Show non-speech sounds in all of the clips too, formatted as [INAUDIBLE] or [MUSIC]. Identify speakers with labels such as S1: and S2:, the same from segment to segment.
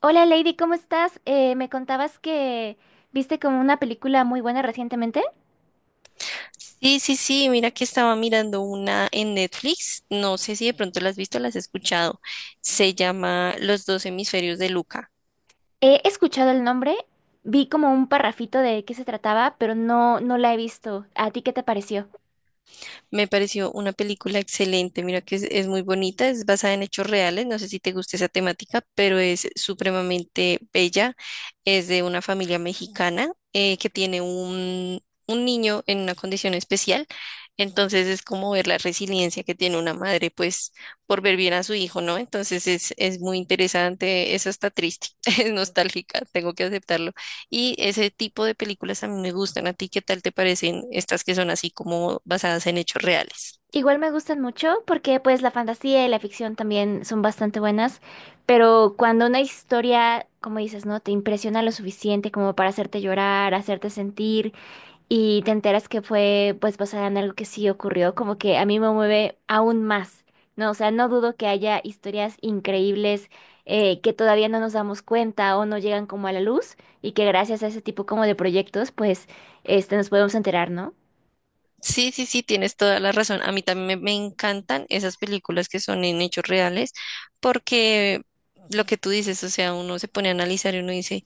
S1: Hola Lady, ¿cómo estás? Me contabas que viste como una película muy buena recientemente.
S2: Sí, sí, sí, mira que estaba mirando una en Netflix, no sé si de pronto la has visto, la has escuchado, se llama Los dos hemisferios de Luca.
S1: He escuchado el nombre, vi como un parrafito de qué se trataba, pero no la he visto. ¿A ti qué te pareció?
S2: Me pareció una película excelente. Mira que es muy bonita, es basada en hechos reales. No sé si te gusta esa temática, pero es supremamente bella. Es de una familia mexicana que tiene un niño en una condición especial. Entonces es como ver la resiliencia que tiene una madre, pues, por ver bien a su hijo, ¿no? Entonces es muy interesante. Es hasta triste, [LAUGHS] es nostálgica, tengo que aceptarlo. Y ese tipo de películas a mí me gustan. ¿A ti qué tal te parecen estas que son así como basadas en hechos reales?
S1: Igual me gustan mucho porque pues la fantasía y la ficción también son bastante buenas, pero cuando una historia, como dices, ¿no? Te impresiona lo suficiente como para hacerte llorar, hacerte sentir, y te enteras que fue pues basada en algo que sí ocurrió, como que a mí me mueve aún más, ¿no? O sea, no dudo que haya historias increíbles que todavía no nos damos cuenta o no llegan como a la luz, y que gracias a ese tipo como de proyectos pues este, nos podemos enterar, ¿no?
S2: Sí, sí, sí, tienes toda la razón. A mí también me encantan esas películas que son en hechos reales porque lo que tú dices, o sea, uno se pone a analizar y uno dice,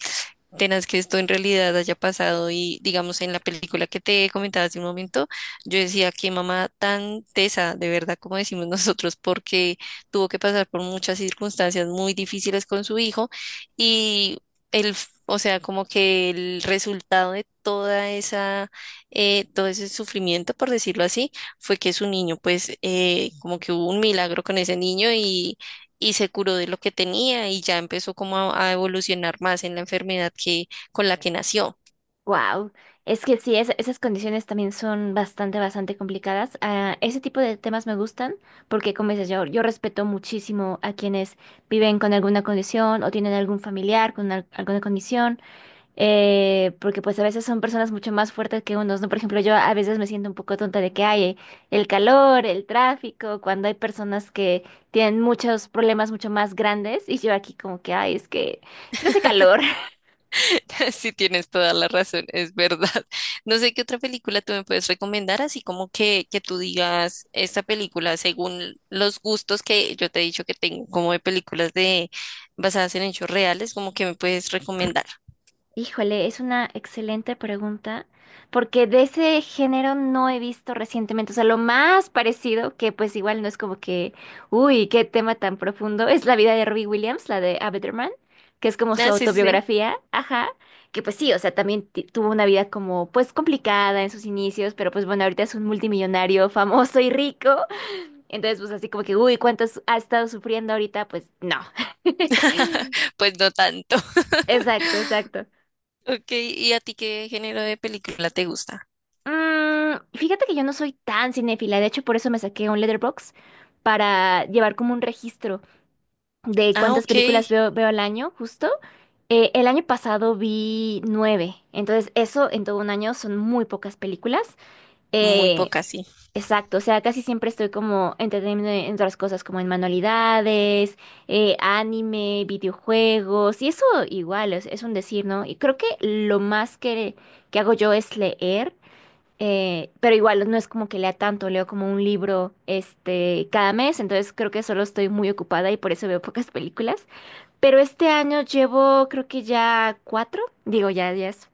S2: tenaz que esto en realidad haya pasado y digamos en la película que te comentaba hace un momento, yo decía que mamá tan tesa, de verdad, como decimos [LAUGHS] nosotros, porque tuvo que pasar por muchas circunstancias muy difíciles con su hijo y o sea, como que el resultado de toda esa, todo ese sufrimiento, por decirlo así, fue que su niño, pues, como que hubo un milagro con ese niño y se curó de lo que tenía y ya empezó como a evolucionar más en la enfermedad que con la que nació.
S1: Wow, es que sí, esas condiciones también son bastante complicadas. Ah, ese tipo de temas me gustan porque, como dices, yo respeto muchísimo a quienes viven con alguna condición o tienen algún familiar con alguna condición, porque pues a veces son personas mucho más fuertes que unos, ¿no? Por ejemplo, yo a veces me siento un poco tonta de que hay el calor, el tráfico, cuando hay personas que tienen muchos problemas mucho más grandes y yo aquí como que, ay, es que hace calor.
S2: [LAUGHS] Sí, tienes toda la razón, es verdad. [LAUGHS] No sé qué otra película tú me puedes recomendar, así como que tú digas esta película según los gustos que yo te he dicho que tengo, como de películas de basadas en hechos reales, como que me puedes recomendar.
S1: Híjole, es una excelente pregunta, porque de ese género no he visto recientemente, o sea, lo más parecido, que pues igual no es como que, uy, qué tema tan profundo, es la vida de Robbie Williams, la de A Better Man, que es como su
S2: Ah, sí, sí, sí.
S1: autobiografía, ajá, que pues sí, o sea, también tuvo una vida como pues complicada en sus inicios, pero pues bueno, ahorita es un multimillonario famoso y rico, entonces pues así como que, uy, ¿cuántos ha estado sufriendo ahorita? Pues no.
S2: [LAUGHS]
S1: [LAUGHS]
S2: Pues no tanto. [LAUGHS]
S1: Exacto, exacto.
S2: Ok, ¿y a ti qué género de película te gusta?
S1: Fíjate que yo no soy tan cinéfila, de hecho por eso me saqué un Letterboxd para llevar como un registro de
S2: Ah,
S1: cuántas
S2: ok,
S1: películas veo al año, justo. El año pasado vi 9, entonces eso en todo un año son muy pocas películas.
S2: muy
S1: Eh,
S2: poca, sí.
S1: exacto, o sea, casi siempre estoy como entreteniéndome en otras cosas como en manualidades, anime, videojuegos, y eso igual es un decir, ¿no? Y creo que lo más que hago yo es leer. Pero igual no es como que lea tanto, leo como un libro este cada mes, entonces creo que solo estoy muy ocupada y por eso veo pocas películas. Pero este año llevo creo que ya cuatro, digo ya,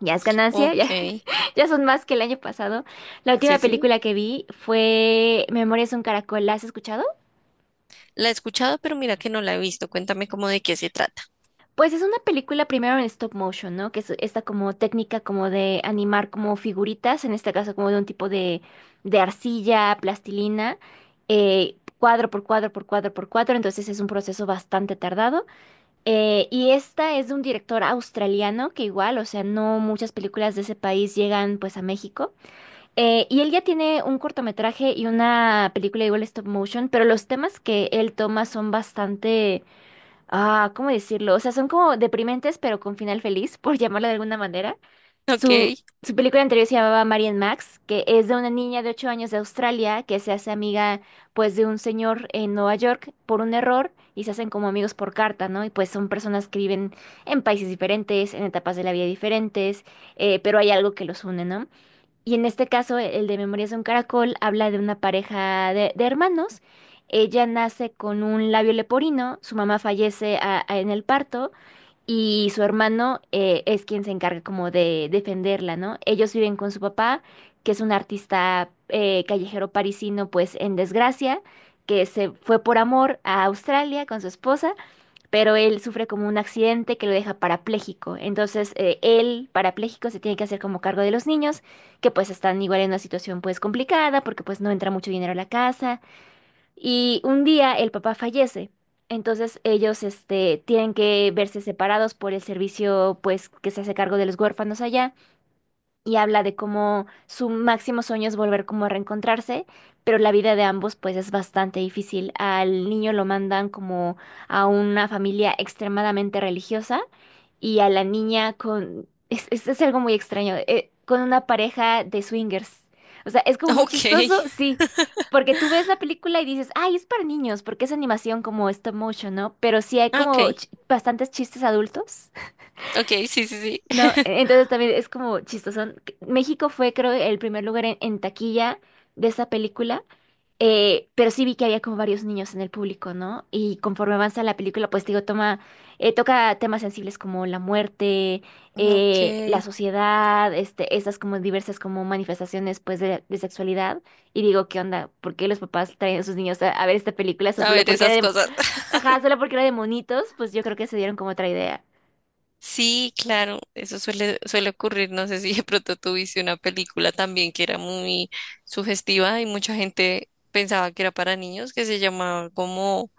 S1: ya es ganancia, ya,
S2: Ok.
S1: [LAUGHS] ya son más que el año pasado. La última
S2: Sí, sí.
S1: película que vi fue Memorias de un Caracol, ¿la has escuchado?
S2: La he escuchado, pero mira que no la he visto. Cuéntame cómo de qué se trata. [LAUGHS]
S1: Pues es una película primero en stop motion, ¿no? Que es esta como técnica como de animar como figuritas, en este caso como de un tipo de arcilla, plastilina, cuadro por cuadro por cuadro por cuadro, entonces es un proceso bastante tardado. Y esta es de un director australiano que igual, o sea, no muchas películas de ese país llegan pues a México. Y él ya tiene un cortometraje y una película igual stop motion, pero los temas que él toma son bastante. Ah, ¿cómo decirlo? O sea, son como deprimentes, pero con final feliz, [LAUGHS] por llamarlo de alguna manera.
S2: Ok,
S1: Su, Su película anterior se llamaba Marian Max, que es de una niña de 8 años de Australia que se hace amiga, pues, de un señor en Nueva York por un error y se hacen como amigos por carta, ¿no? Y pues son personas que viven en países diferentes, en etapas de la vida diferentes, pero hay algo que los une, ¿no? Y en este caso, e, el de Memorias de un Caracol habla de una pareja de hermanos. Ella nace con un labio leporino, su mamá fallece en el parto y su hermano es quien se encarga como de defenderla, ¿no? Ellos viven con su papá, que es un artista callejero parisino, pues en desgracia, que se fue por amor a Australia con su esposa, pero él sufre como un accidente que lo deja parapléjico. Entonces, él, parapléjico, se tiene que hacer como cargo de los niños, que pues están igual en una situación pues complicada, porque pues no entra mucho dinero a la casa. Y un día el papá fallece. Entonces ellos este, tienen que verse separados por el servicio pues que se hace cargo de los huérfanos allá y habla de cómo su máximo sueño es volver como a reencontrarse, pero la vida de ambos pues es bastante difícil. Al niño lo mandan como a una familia extremadamente religiosa y a la niña con... Es algo muy extraño, con una pareja de swingers. O sea, es como muy
S2: ok,
S1: chistoso, sí. Porque tú ves la película y dices, ay, es para niños, porque es animación como stop motion, ¿no? Pero sí hay
S2: ah,
S1: como
S2: ok,
S1: bastantes chistes adultos.
S2: ok, sí, sí, sí.
S1: No,
S2: [LAUGHS]
S1: entonces también es como chistoso. México fue, creo, el primer lugar en taquilla de esa película, pero sí vi que había como varios niños en el público, ¿no? Y conforme avanza la película, pues digo, toma, toca temas sensibles como la muerte,
S2: Ok.
S1: la sociedad, este, estas como diversas como manifestaciones, pues, de sexualidad. Y digo, ¿qué onda? ¿Por qué los papás traen a sus niños a ver esta película?
S2: A
S1: Solo
S2: ver,
S1: porque era
S2: esas
S1: de,
S2: cosas. [LAUGHS]
S1: ajá, solo porque era de monitos, pues yo creo que se dieron como otra idea.
S2: Sí, claro, eso suele, suele ocurrir. No sé si de pronto tuviste una película también que era muy sugestiva y mucha gente pensaba que era para niños, que se llamaba como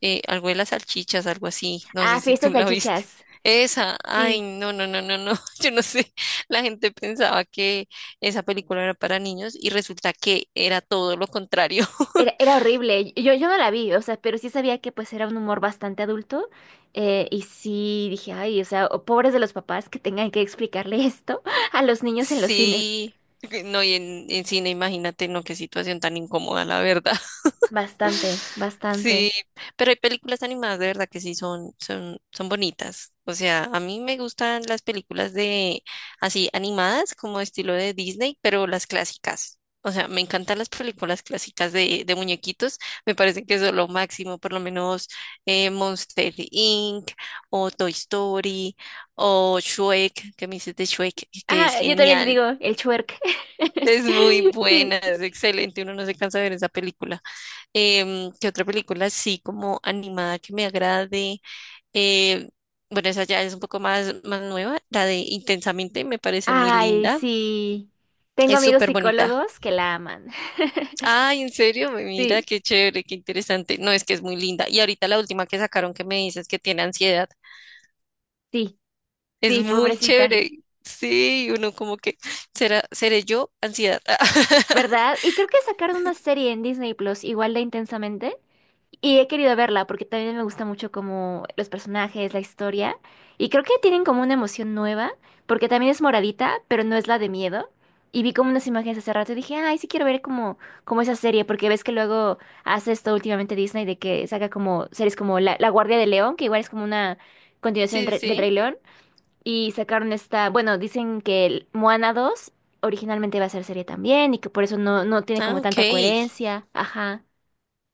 S2: algo de las salchichas, algo así, no
S1: Ah,
S2: sé si
S1: fiestas
S2: tú la viste.
S1: salchichas.
S2: Esa, ay,
S1: Sí.
S2: no, no, no, no, no, [LAUGHS] yo no sé, la gente pensaba que esa película era para niños y resulta que era todo lo contrario. [LAUGHS]
S1: Era horrible. Yo no la vi, o sea, pero sí sabía que pues era un humor bastante adulto, y sí dije, ay, o sea, o- pobres de los papás que tengan que explicarle esto [LAUGHS] a los niños en los cines.
S2: Sí, no, y en cine, imagínate, no, qué situación tan incómoda, la verdad.
S1: Bastante,
S2: [LAUGHS] Sí,
S1: bastante.
S2: pero hay películas animadas de verdad que sí son bonitas. O sea, a mí me gustan las películas de así animadas como estilo de Disney, pero las clásicas. O sea, me encantan las películas clásicas de muñequitos. Me parece que eso es lo máximo, por lo menos Monster Inc. o Toy Story o Shrek, que me dices de Shrek, que es
S1: Ah, yo también le
S2: genial.
S1: digo el chuerk. [LAUGHS]
S2: Es muy buena,
S1: Sí.
S2: es excelente. Uno no se cansa de ver esa película. Em, ¿qué otra película así como animada que me agrade? Em, bueno, esa ya es un poco más, más nueva, la de Intensamente me parece muy
S1: Ay,
S2: linda,
S1: sí. Tengo
S2: es
S1: amigos
S2: súper bonita.
S1: psicólogos que la aman. [LAUGHS]
S2: Ay, en serio, mira
S1: Sí,
S2: qué chévere, qué interesante. No, es que es muy linda. Y ahorita la última que sacaron que me dices que tiene ansiedad,
S1: sí,
S2: es
S1: sí,
S2: muy
S1: pobrecita.
S2: chévere. Sí, uno como que seré yo ansiedad. [LAUGHS]
S1: ¿Verdad? Y creo que sacaron una serie en Disney Plus igual de Intensamente. Y he querido verla porque también me gusta mucho como los personajes, la historia. Y creo que tienen como una emoción nueva, porque también es moradita, pero no es la de miedo. Y vi como unas imágenes hace rato y dije, ay, sí quiero ver como, como esa serie, porque ves que luego hace esto últimamente Disney de que saca como series como La Guardia de León, que igual es como una continuación del,
S2: Sí, sí.
S1: Del
S2: Sí.
S1: Rey León. Y sacaron esta, bueno, dicen que el Moana 2 originalmente iba a ser serie también y que por eso no tiene
S2: Ah,
S1: como
S2: ok.
S1: tanta coherencia. Ajá.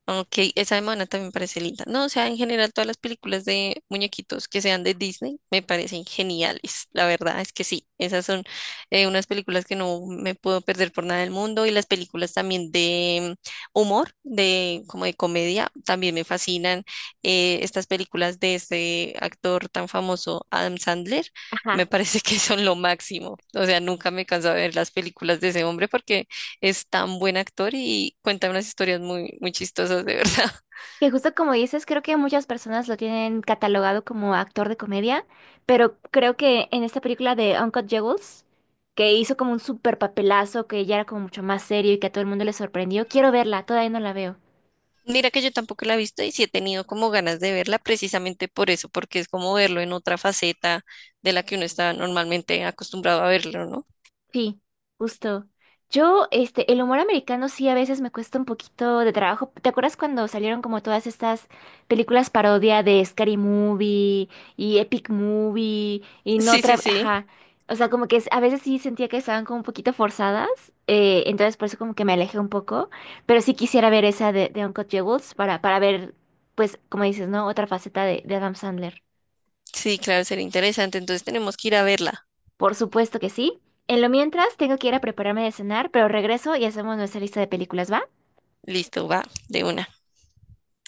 S2: Ok, esa de Moana también me parece linda. No, o sea, en general todas las películas de muñequitos que sean de Disney me parecen geniales. La verdad es que sí, esas son unas películas que no me puedo perder por nada del mundo y las películas también de humor, de como de comedia, también me fascinan. Estas películas de este actor tan famoso, Adam Sandler, me [LAUGHS]
S1: Ajá.
S2: parece que son lo máximo. O sea, nunca me canso de ver las películas de ese hombre porque es tan buen actor y cuenta unas historias muy, muy chistosas, de verdad.
S1: Que justo como dices, creo que muchas personas lo tienen catalogado como actor de comedia, pero creo que en esta película de Uncut Jewels, que hizo como un super papelazo, que ya era como mucho más serio y que a todo el mundo le sorprendió, quiero verla, todavía no la veo.
S2: [LAUGHS] Mira que yo tampoco la he visto y sí he tenido como ganas de verla precisamente por eso, porque es como verlo en otra faceta de la que uno está normalmente acostumbrado a verlo, ¿no?
S1: Sí, justo. Yo, este, el humor americano sí a veces me cuesta un poquito de trabajo. ¿Te acuerdas cuando salieron como todas estas películas parodia de Scary Movie y Epic Movie y no
S2: Sí, sí,
S1: otra,
S2: sí,
S1: ajá. O sea, como que a veces sí sentía que estaban como un poquito forzadas, entonces por eso como que me alejé un poco, pero sí quisiera ver esa de Uncut Jewels para ver, pues, como dices, ¿no? Otra faceta de Adam Sandler.
S2: sí, claro, sería interesante. Entonces tenemos que ir a verla.
S1: Por supuesto que sí. En lo mientras, tengo que ir a prepararme de cenar, pero regreso y hacemos nuestra lista de películas, ¿va?
S2: Listo, va, de una.